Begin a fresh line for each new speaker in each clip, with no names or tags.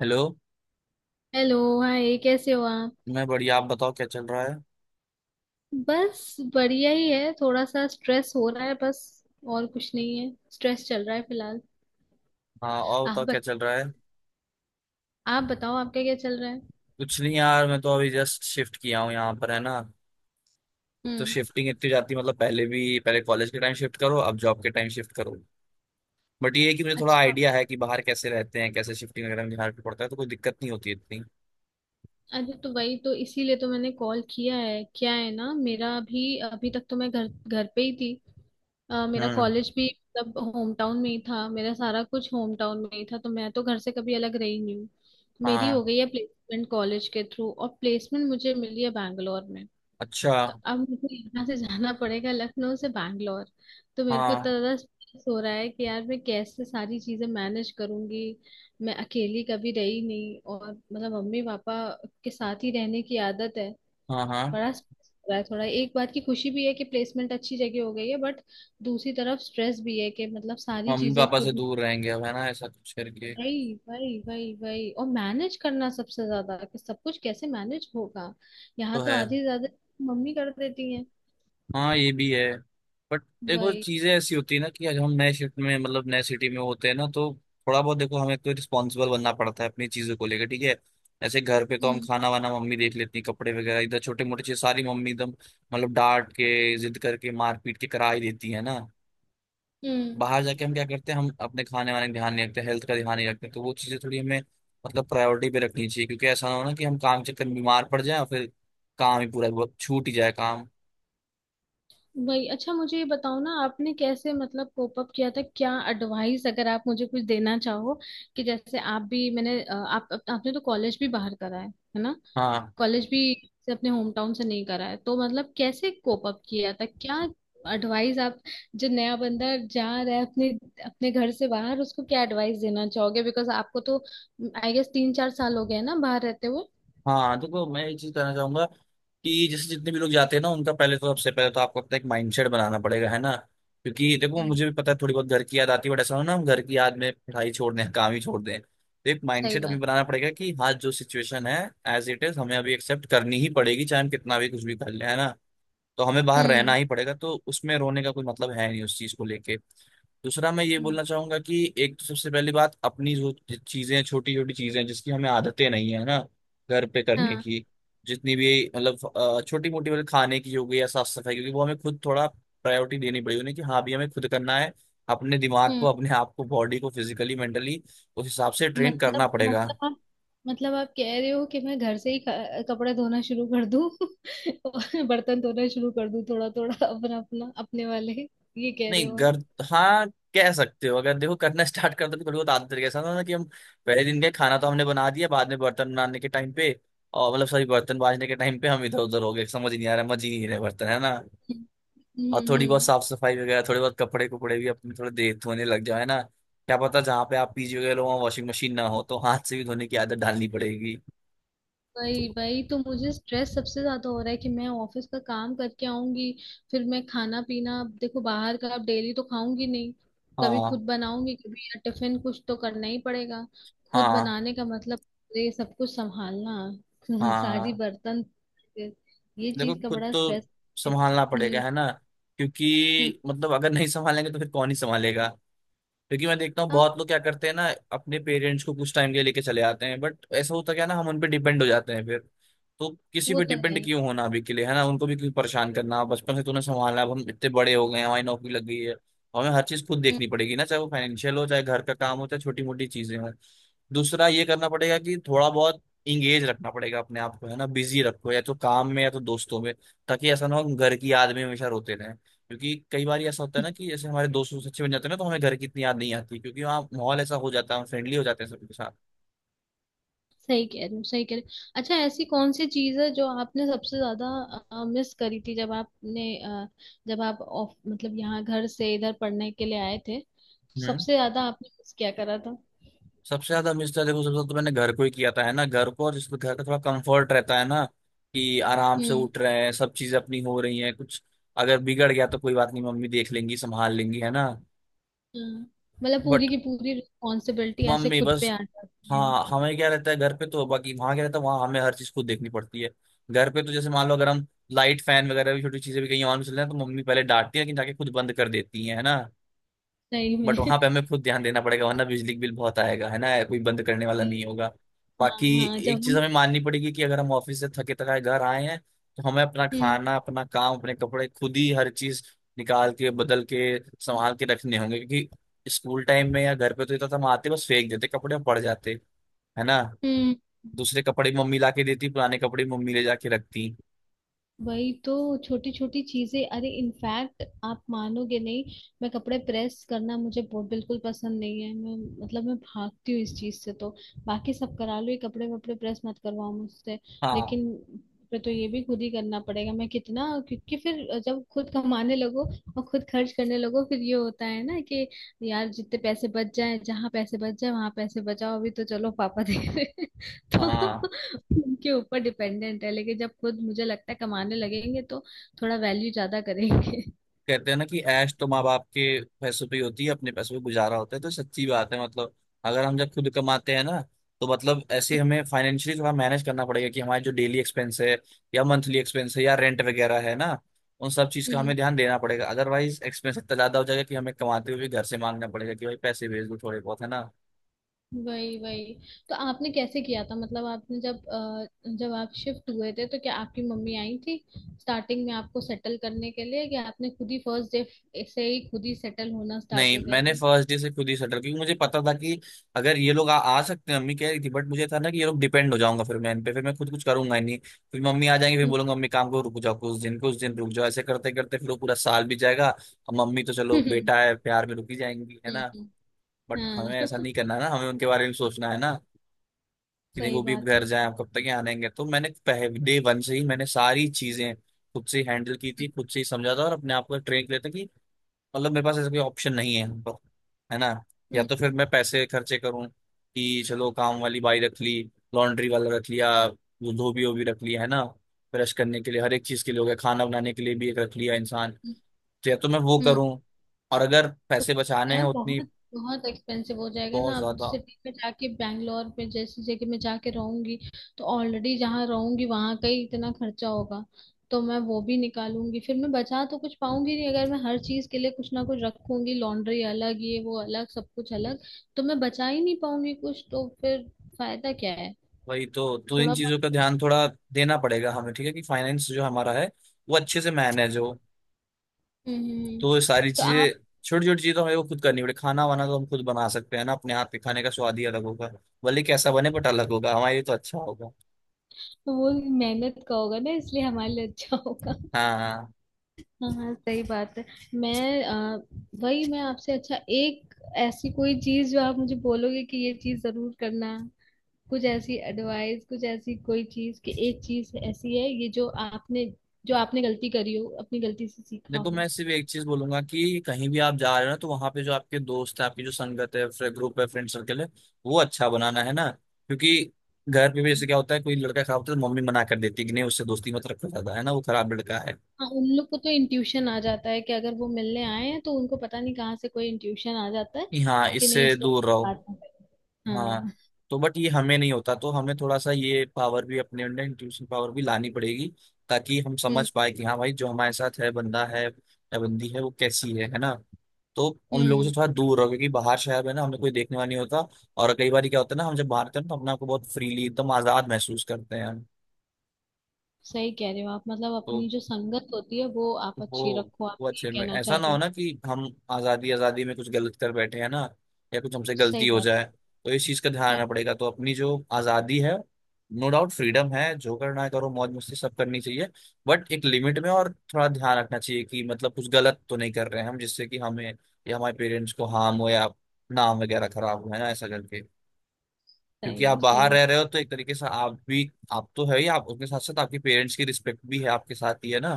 Hello.
Hello. Hi, कैसे हो आप?
मैं बढ़िया, आप बताओ क्या चल रहा है।
बस बढ़िया ही है, थोड़ा सा स्ट्रेस हो रहा है बस। और कुछ नहीं है, स्ट्रेस चल रहा है फिलहाल।
हाँ और
आप
बताओ क्या
बत,
चल रहा है।
आप बताओ, आपका क्या चल रहा है?
कुछ नहीं यार, मैं तो अभी जस्ट शिफ्ट किया हूँ यहाँ पर, है ना। एक तो
हम्म।
शिफ्टिंग इतनी जाती है, मतलब पहले भी, पहले कॉलेज के टाइम शिफ्ट करो, अब जॉब के टाइम शिफ्ट करो। बट ये है कि मुझे थोड़ा
अच्छा।
आइडिया है कि बाहर कैसे रहते हैं, कैसे शिफ्टिंग वगैरह में बिहार पे पड़ता है, तो कोई दिक्कत नहीं होती इतनी।
अरे तो वही तो, इसीलिए तो मैंने कॉल किया है। क्या है ना, मेरा अभी अभी तक तो मैं घर घर पे ही थी। मेरा
हम्म।
कॉलेज भी मतलब होम टाउन में ही था, मेरा सारा कुछ होम टाउन में ही था, तो मैं तो घर से कभी अलग रही नहीं हूँ। मेरी हो
हाँ।
गई है प्लेसमेंट कॉलेज के थ्रू, और प्लेसमेंट मुझे मिली है बैंगलोर में।
अच्छा।
तो अब मुझे यहाँ से जाना पड़ेगा, लखनऊ से बैंगलोर। तो मेरे को इतना
हाँ
ज्यादा स्ट्रेस हो रहा है कि यार मैं कैसे सारी चीजें मैनेज करूंगी। मैं अकेली कभी रही नहीं, और मतलब मम्मी पापा के साथ ही रहने की आदत है।
हाँ हाँ,
बड़ा स्ट्रेस हो रहा है थोड़ा। एक बात की खुशी भी है कि प्लेसमेंट अच्छी जगह हो गई है, बट दूसरी तरफ स्ट्रेस भी है कि मतलब सारी
मम्मी
चीजें
पापा से
खुद।
दूर रहेंगे अब है ना, ऐसा कुछ करके।
वही वही वही वही। और मैनेज करना सबसे ज्यादा, कि सब कुछ कैसे मैनेज होगा। यहाँ
तो
तो
है।
आधी से ज्यादा मम्मी कर देती है।
हाँ, ये भी है। बट देखो,
वही।
चीजें ऐसी होती है ना कि अगर हम नए शिफ्ट में, मतलब नए सिटी में होते हैं ना, तो थोड़ा बहुत देखो हमें तो रिस्पॉन्सिबल बनना पड़ता है अपनी चीजों को लेकर, ठीक है। ऐसे घर पे तो हम खाना वाना मम्मी देख लेती है, कपड़े वगैरह इधर छोटे मोटे चीज सारी मम्मी एकदम मतलब डांट के, जिद करके, मार पीट के करा ही देती है ना।
हम्म।
बाहर जाके हम क्या करते हैं, हम अपने खाने वाने का ध्यान नहीं रखते, हेल्थ का ध्यान नहीं रखते, तो वो चीजें थोड़ी हमें मतलब प्रायोरिटी पे रखनी चाहिए, क्योंकि ऐसा ना हो ना कि हम काम के चक्कर में बीमार पड़ जाए और फिर काम ही पूरा वो छूट ही जाए, काम।
वही। अच्छा मुझे ये बताओ ना, आपने कैसे मतलब कोप अप किया था? क्या एडवाइस अगर आप मुझे कुछ देना चाहो, कि जैसे आप भी, मैंने अ, आप- आपने तो कॉलेज भी बाहर करा है ना?
हाँ
कॉलेज भी से अपने होम टाउन से नहीं करा है, तो मतलब कैसे कोप अप किया था? क्या एडवाइस आप जो नया बंदा जा रहा है अपने अपने घर से बाहर, उसको क्या एडवाइस देना चाहोगे? बिकॉज आपको तो आई गेस तीन चार साल हो गए हैं ना बाहर रहते हुए।
हाँ, देखो मैं एक चीज कहना चाहूंगा कि जैसे जितने भी लोग जाते हैं ना, उनका पहले तो, सबसे पहले तो आपको अपना एक माइंडसेट बनाना पड़ेगा है ना। क्योंकि देखो
हम्म,
मुझे भी पता है, थोड़ी बहुत घर की याद आती है, बट ऐसा हो ना हम घर की याद में पढ़ाई छोड़ दें, काम ही छोड़ दें, तो एक
सही
माइंडसेट हमें
बात।
बनाना पड़ेगा कि हाँ, जो सिचुएशन है एज इट इज, हमें अभी एक्सेप्ट करनी ही पड़ेगी, चाहे हम कितना भी कुछ भी कर लें, है ना। तो हमें बाहर रहना
हम्म।
ही पड़ेगा, तो उसमें रोने का कोई मतलब है नहीं उस चीज को लेके। दूसरा मैं ये
हम्म।
बोलना चाहूंगा कि एक तो सबसे पहली बात, अपनी जो चीजें, छोटी छोटी चीजें जिसकी हमें आदतें नहीं है ना घर पे करने
हाँ।
की, जितनी भी मतलब छोटी मोटी, मतलब खाने की हो गई या साफ सफाई, क्योंकि वो हमें खुद थोड़ा प्रायोरिटी देनी पड़ी उन्हें, कि हाँ, भी हमें खुद करना है। अपने दिमाग को,
हम्म।
अपने आप को, बॉडी को फिजिकली मेंटली उस हिसाब से ट्रेन करना
मतलब
पड़ेगा।
मतलब आप आप कह रहे हो कि मैं घर से ही कपड़े धोना शुरू कर दूं और बर्तन धोना शुरू कर दूं, थोड़ा थोड़ा अपना अपना अपने वाले, ये कह रहे
नहीं
हो आप?
घर। हाँ, कह सकते हो, अगर देखो करना स्टार्ट कर दो तो थोड़ी बहुत आदत तरीके से, ना कि हम पहले दिन के खाना तो हमने बना दिया, बाद में बर्तन बनाने के टाइम पे, और मतलब सॉरी, बर्तन बाजने के टाइम पे हम इधर उधर हो गए, समझ ही नहीं आ रहा, मजे ही नहीं रहे बर्तन, है ना।
हम्म
और
हम्म
थोड़ी बहुत
हम्म।
साफ सफाई वगैरह, थोड़ी बहुत कपड़े कुपड़े भी अपने थोड़े देर धोने लग जाओ, है ना, क्या पता जहाँ पे आप पीजी वगैरह लो वहाँ वॉशिंग मशीन ना हो, तो हाथ से भी धोने की आदत डालनी पड़ेगी। तो
वही वही, तो मुझे स्ट्रेस सबसे ज्यादा हो रहा है कि मैं ऑफिस का काम करके आऊंगी, फिर मैं खाना पीना, अब देखो बाहर का अब डेली तो खाऊंगी नहीं, कभी
हाँ
खुद बनाऊंगी कभी या टिफिन, कुछ तो करना ही पड़ेगा। खुद
हाँ
बनाने का मतलब तो ये सब कुछ संभालना सारी
हाँ,
बर्तन, ये
देखो
चीज का
खुद
बड़ा
तो
स्ट्रेस है।
संभालना पड़ेगा है ना,
हम्म
क्योंकि मतलब अगर नहीं संभालेंगे तो फिर कौन ही संभालेगा। क्योंकि मैं देखता हूँ
हाँ।
बहुत लोग क्या करते हैं ना, अपने पेरेंट्स को कुछ टाइम के लिए लेके चले आते हैं, बट ऐसा होता क्या है ना, हम उन पे डिपेंड हो जाते हैं फिर। तो किसी
वो
पे
तो है।
डिपेंड क्यों होना अभी के लिए, है ना, उनको भी क्यों परेशान करना। बचपन से तूने संभाला, अब हम इतने बड़े हो गए हैं, हमारी नौकरी लग गई है, हमें हर चीज खुद
हम्म।
देखनी पड़ेगी ना, चाहे वो फाइनेंशियल हो, चाहे घर का काम हो, चाहे छोटी मोटी चीजें हों। दूसरा ये करना पड़ेगा कि थोड़ा बहुत इंगेज रखना पड़ेगा अपने आप को, है ना, बिजी रखो या तो काम में या तो दोस्तों में, ताकि ऐसा ना हो कि घर की याद में हमेशा रोते रहे। क्योंकि कई बार ऐसा होता है ना कि जैसे हमारे दोस्त दोस्त अच्छे बन जाते हैं ना, तो हमें घर की इतनी याद नहीं आती, क्योंकि वहाँ माहौल ऐसा हो जाता है, हम फ्रेंडली हो जाते हैं सबके साथ।
सही कह रहे हो, सही कह रहे हो। अच्छा ऐसी कौन सी चीज है जो आपने सबसे ज्यादा मिस करी थी जब जब आप ऑफ मतलब यहाँ घर से इधर पढ़ने के लिए आए थे, तो
हम्म,
सबसे ज्यादा आपने मिस क्या करा था?
सबसे ज्यादा मिस था, देखो सबसे ज्यादा तो मैंने घर को ही किया था है ना, घर को, और जिसमें घर का थोड़ा कंफर्ट रहता है ना, कि आराम से
हम्म।
उठ रहे हैं, सब चीजें अपनी हो रही हैं, कुछ अगर बिगड़ गया तो कोई बात नहीं, मम्मी देख लेंगी, संभाल लेंगी, है ना।
हाँ। मतलब पूरी
बट
की पूरी रिस्पॉन्सिबिलिटी ऐसे
मम्मी
खुद पे
बस।
आ जाती है।
हाँ हमें क्या रहता है घर पे, तो बाकी वहां क्या रहता है, वहां हमें हर चीज खुद देखनी पड़ती है। घर पे तो जैसे मान लो अगर हम लाइट फैन वगैरह भी, छोटी चीजें भी कहीं ऑन चल रहे हैं, तो मम्मी पहले डांटती है, लेकिन जाके खुद बंद कर देती है ना।
सही
बट वहां पे
में
हमें खुद ध्यान देना पड़ेगा, वरना बिजली बिल बहुत आएगा, है ना, कोई बंद करने वाला नहीं होगा।
हाँ
बाकी
हाँ
एक
जब
चीज
हम
हमें माननी पड़ेगी कि अगर हम ऑफिस से थके थकाए घर आए हैं, तो हमें अपना
हम्म।
खाना, अपना काम, अपने कपड़े खुद ही हर चीज निकाल के, बदल के, संभाल के रखने होंगे, क्योंकि स्कूल टाइम में या घर पे तो इतना तो हम आते बस फेंक देते कपड़े और पड़ जाते, है ना।
हम्म।
दूसरे कपड़े मम्मी ला के देती, पुराने कपड़े मम्मी ले जाके रखती।
वही तो, छोटी छोटी चीजें। अरे इनफैक्ट आप मानोगे नहीं, मैं कपड़े प्रेस करना, मुझे बहुत बिल्कुल पसंद नहीं है। मैं भागती हूँ इस चीज से। तो बाकी सब करा लो, ये कपड़े वपड़े प्रेस मत करवाओ मुझसे।
हाँ
लेकिन फिर तो ये भी खुद ही करना पड़ेगा। मैं कितना, क्योंकि फिर जब खुद कमाने लगो और खुद खर्च करने लगो, फिर ये होता है ना कि यार जितने पैसे बच जाए, जहाँ पैसे बच जाए वहां पैसे बचाओ, अभी तो चलो पापा दे रहे हैं।
हाँ,
तो उनके ऊपर डिपेंडेंट है, लेकिन जब खुद मुझे लगता है कमाने लगेंगे तो थोड़ा वैल्यू ज्यादा करेंगे।
कहते हैं ना कि ऐश तो माँ बाप के पैसों पे ही होती है, अपने पैसों पे गुजारा होता है, तो सच्ची बात है, मतलब अगर हम जब खुद कमाते हैं ना, तो मतलब ऐसे हमें फाइनेंशियली थोड़ा मैनेज करना पड़ेगा कि हमारे जो डेली एक्सपेंस है, या मंथली एक्सपेंस है, या रेंट वगैरह है ना, उन सब चीज का हमें
हम्म।
ध्यान देना पड़ेगा, अदरवाइज एक्सपेंस इतना ज्यादा हो जाएगा कि हमें कमाते हुए भी घर से मांगना पड़ेगा कि भाई पैसे भेज दो थोड़े बहुत, है ना।
वही वही, तो आपने कैसे किया था मतलब, जब आप शिफ्ट हुए थे तो क्या आपकी मम्मी आई थी स्टार्टिंग में आपको सेटल करने के लिए, कि आपने खुद ही फर्स्ट डे से ही खुद ही सेटल होना स्टार्ट
नहीं
हो गए
मैंने
थे?
फर्स्ट डे से खुद ही सेटल, क्योंकि मुझे पता था कि अगर ये लोग आ सकते हैं, मम्मी कह रही थी, बट मुझे था ना कि ये लोग, डिपेंड हो जाऊंगा फिर मैं इन पे, फिर मैं खुद कुछ करूंगा ही नहीं। फिर मम्मी आ जाएंगी, फिर बोलूंगा मम्मी काम को रुक जाओ कुछ दिन, कुछ दिन रुक जाओ, ऐसे करते करते फिर वो पूरा साल बीत जाएगा। और मम्मी तो चलो
हम्म
बेटा है, प्यार में रुकी जाएंगी, है ना।
हम्म,
बट
हम्म,
हमें ऐसा
हाँ
नहीं करना ना, हमें उनके बारे में सोचना है ना, कि नहीं
सही
वो भी
बात है।
घर जाए, अब कब तक यहाँ रहेंगे। तो मैंने पहले डे वन से ही मैंने सारी चीजें खुद से हैंडल की थी, खुद से ही समझा था और अपने आप को ट्रेन किया था। मतलब मेरे पास ऐसा कोई ऑप्शन नहीं है तो, है ना। या
हम्म।
तो फिर मैं पैसे खर्चे करूं कि चलो काम वाली बाई रख ली, लॉन्ड्री वाला रख लिया, वो धोबी वोबी रख लिया, है ना, ब्रश करने के लिए हर एक चीज के लिए हो गया, खाना बनाने के लिए भी एक रख लिया इंसान। तो या तो मैं वो
हम्म।
करूं, और अगर पैसे बचाने हैं
यार
उतनी
बहुत, बहुत एक्सपेंसिव हो जाएगा ना,
बहुत
अब
ज्यादा।
सिटी में जाके बैंगलोर में जैसी जगह में जाके रहूंगी, तो ऑलरेडी जहाँ रहूंगी वहां का ही इतना खर्चा होगा, तो मैं वो भी निकालूंगी, फिर मैं बचा तो कुछ पाऊंगी नहीं अगर मैं हर चीज के लिए कुछ ना कुछ रखूंगी, लॉन्ड्री अलग, ये वो अलग, सब कुछ अलग, तो मैं बचा ही नहीं पाऊंगी कुछ, तो फिर फायदा क्या है?
वही तो इन
थोड़ा बहुत।
चीजों का ध्यान थोड़ा देना पड़ेगा हमें, ठीक है, कि फाइनेंस जो हमारा है वो अच्छे से मैनेज हो।
हम्म हम्म,
तो वो
हम्म।
सारी
तो
चीजें,
आप,
छोटी छोटी चीजें तो हमें वो खुद करनी पड़े, खाना वाना तो हम खुद बना सकते हैं ना, अपने हाथ के खाने का स्वाद ही अलग होगा, भले कैसा बने, बट अलग होगा, हमारे लिए तो अच्छा होगा।
तो वो मेहनत का होगा ना, इसलिए हमारे लिए अच्छा होगा।
हाँ हाँ।
हाँ हाँ, सही बात है। मैं अ, वही, मैं आपसे अच्छा, एक ऐसी कोई चीज जो आप मुझे बोलोगे कि ये चीज जरूर करना, कुछ ऐसी एडवाइस, कुछ ऐसी कोई चीज कि एक चीज ऐसी है ये जो आपने, जो आपने गलती करी हो, अपनी गलती से सीखा
देखो
हो।
मैं सिर्फ एक चीज बोलूंगा कि कहीं भी आप जा रहे हो ना, तो वहां पे जो आपके दोस्त हैं, आपकी जो संगत है, ग्रुप है, फ्रेंड सर्कल है, वो अच्छा बनाना, है ना, क्योंकि घर पे भी जैसे क्या होता है, कोई लड़का खराब होता है तो मम्मी मना कर देती है कि नहीं उससे दोस्ती मत रखो ज्यादा, है ना, वो खराब लड़का है,
हाँ, उन लोग को तो इंट्यूशन आ जाता है कि अगर वो मिलने आए हैं तो उनको पता नहीं कहाँ से कोई इंट्यूशन आ जाता है
कि हाँ
कि नहीं,
इससे
इससे
दूर रहो।
बात नहीं करनी।
हाँ,
हाँ।
तो बट ये हमें नहीं होता, तो हमें थोड़ा सा ये पावर भी अपने अंदर, इंट्यूशन पावर भी लानी पड़ेगी, ताकि हम
हम्म।
समझ पाए कि हाँ भाई जो हमारे साथ है, बंदा है या बंदी है, वो कैसी है ना। तो उन लोगों से
हम्म।
थोड़ा दूर रहो, क्योंकि बाहर शहर है ना, हमें कोई देखने वाला नहीं होता। और कई बार क्या होता है ना, हम जब बाहर होते हैं ना, तो अपने आप को बहुत फ्रीली एकदम आजाद महसूस करते हैं हम।
सही कह रहे हो आप, मतलब अपनी
तो
जो संगत होती है वो आप
वो
अच्छी रखो, आप
वो
ये
अच्छे लोग,
कहना
ऐसा
चाह
ना
रहे
हो
हो।
ना कि हम आजादी आजादी में कुछ गलत कर बैठे, हैं ना, या कुछ हमसे गलती
सही
हो
बात है।
जाए। तो इस चीज का ध्यान
हम्म,
रखना पड़ेगा, तो अपनी जो आजादी है, नो डाउट फ्रीडम है, जो करना है करो, मौज मस्ती सब करनी चाहिए, बट एक लिमिट में, और थोड़ा ध्यान रखना चाहिए कि मतलब कुछ गलत तो नहीं कर रहे हैं हम, जिससे कि हमें या हमारे पेरेंट्स को हार्म हो, या नाम वगैरह खराब हो, है ना, ऐसा करके। क्योंकि
सही है
आप बाहर
सही है।
रह रहे हो, तो एक तरीके से आप भी, आप तो है ही आप, उसके साथ साथ आपके पेरेंट्स की रिस्पेक्ट भी है आपके साथ ही, है ना।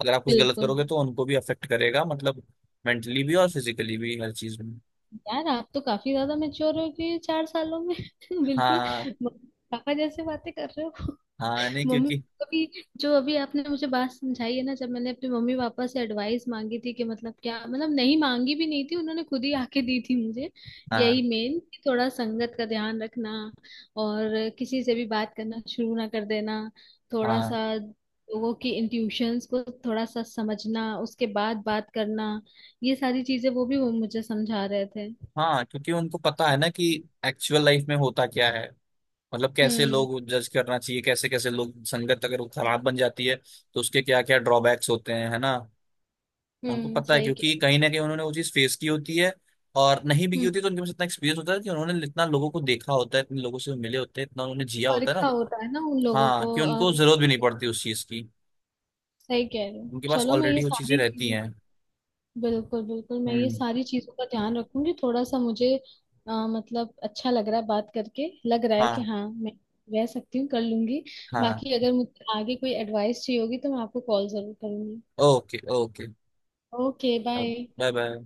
अगर आप कुछ गलत
बिल्कुल।
करोगे तो उनको भी अफेक्ट करेगा, मतलब मेंटली भी और फिजिकली भी, हर चीज में।
यार आप तो काफी ज्यादा मेच्योर हो गए चार सालों में बिल्कुल,
हाँ।
म- पापा जैसे बातें कर रहे हो।
हाँ नहीं,
मम्मी
क्योंकि
कभी, जो अभी आपने मुझे बात समझाई है ना, जब मैंने अपने मम्मी पापा से एडवाइस मांगी थी कि मतलब क्या, मतलब नहीं मांगी भी नहीं थी, उन्होंने खुद ही आके दी थी मुझे,
हाँ।
यही मेन कि थोड़ा संगत का ध्यान रखना और किसी से भी बात करना शुरू ना कर देना, थोड़ा
हाँ
सा लोगों की इंट्यूशंस को थोड़ा सा समझना उसके बाद बात करना, ये सारी चीजें वो भी, वो मुझे समझा रहे थे।
हाँ, क्योंकि उनको पता है ना कि एक्चुअल लाइफ में होता क्या है, मतलब कैसे
हम्म।
लोग जज करना चाहिए, कैसे कैसे लोग, संगत अगर वो खराब बन जाती है तो उसके क्या क्या ड्रॉबैक्स होते हैं, है ना। उनको
हम्म,
पता है,
सही
क्योंकि
कह
कहीं ना कहीं उन्होंने वो चीज फेस की होती है, और नहीं भी
रहे।
की होती, तो उनके पास इतना एक्सपीरियंस होता है कि उन्होंने इतना लोगों को देखा होता है, इतने लोगों से मिले होते हैं, इतना उन्होंने जिया होता है
परीक्षा
ना।
होता है ना उन लोगों
हाँ,
को।
कि उनको जरूरत भी नहीं पड़ती उस चीज की,
सही कह रहे हो,
उनके पास
चलो मैं ये
ऑलरेडी वो चीजें
सारी
रहती
चीजें।
हैं।
बिल्कुल बिल्कुल, मैं ये
हम्म।
सारी चीजों का ध्यान रखूंगी। थोड़ा सा मुझे मतलब अच्छा लग रहा है बात करके, लग रहा है कि
हाँ
हाँ मैं रह सकती हूँ, कर लूंगी।
हाँ।
बाकी अगर मुझे आगे कोई एडवाइस चाहिए होगी तो मैं आपको कॉल जरूर करूंगी।
Okay okay.
Okay bye.
Bye bye.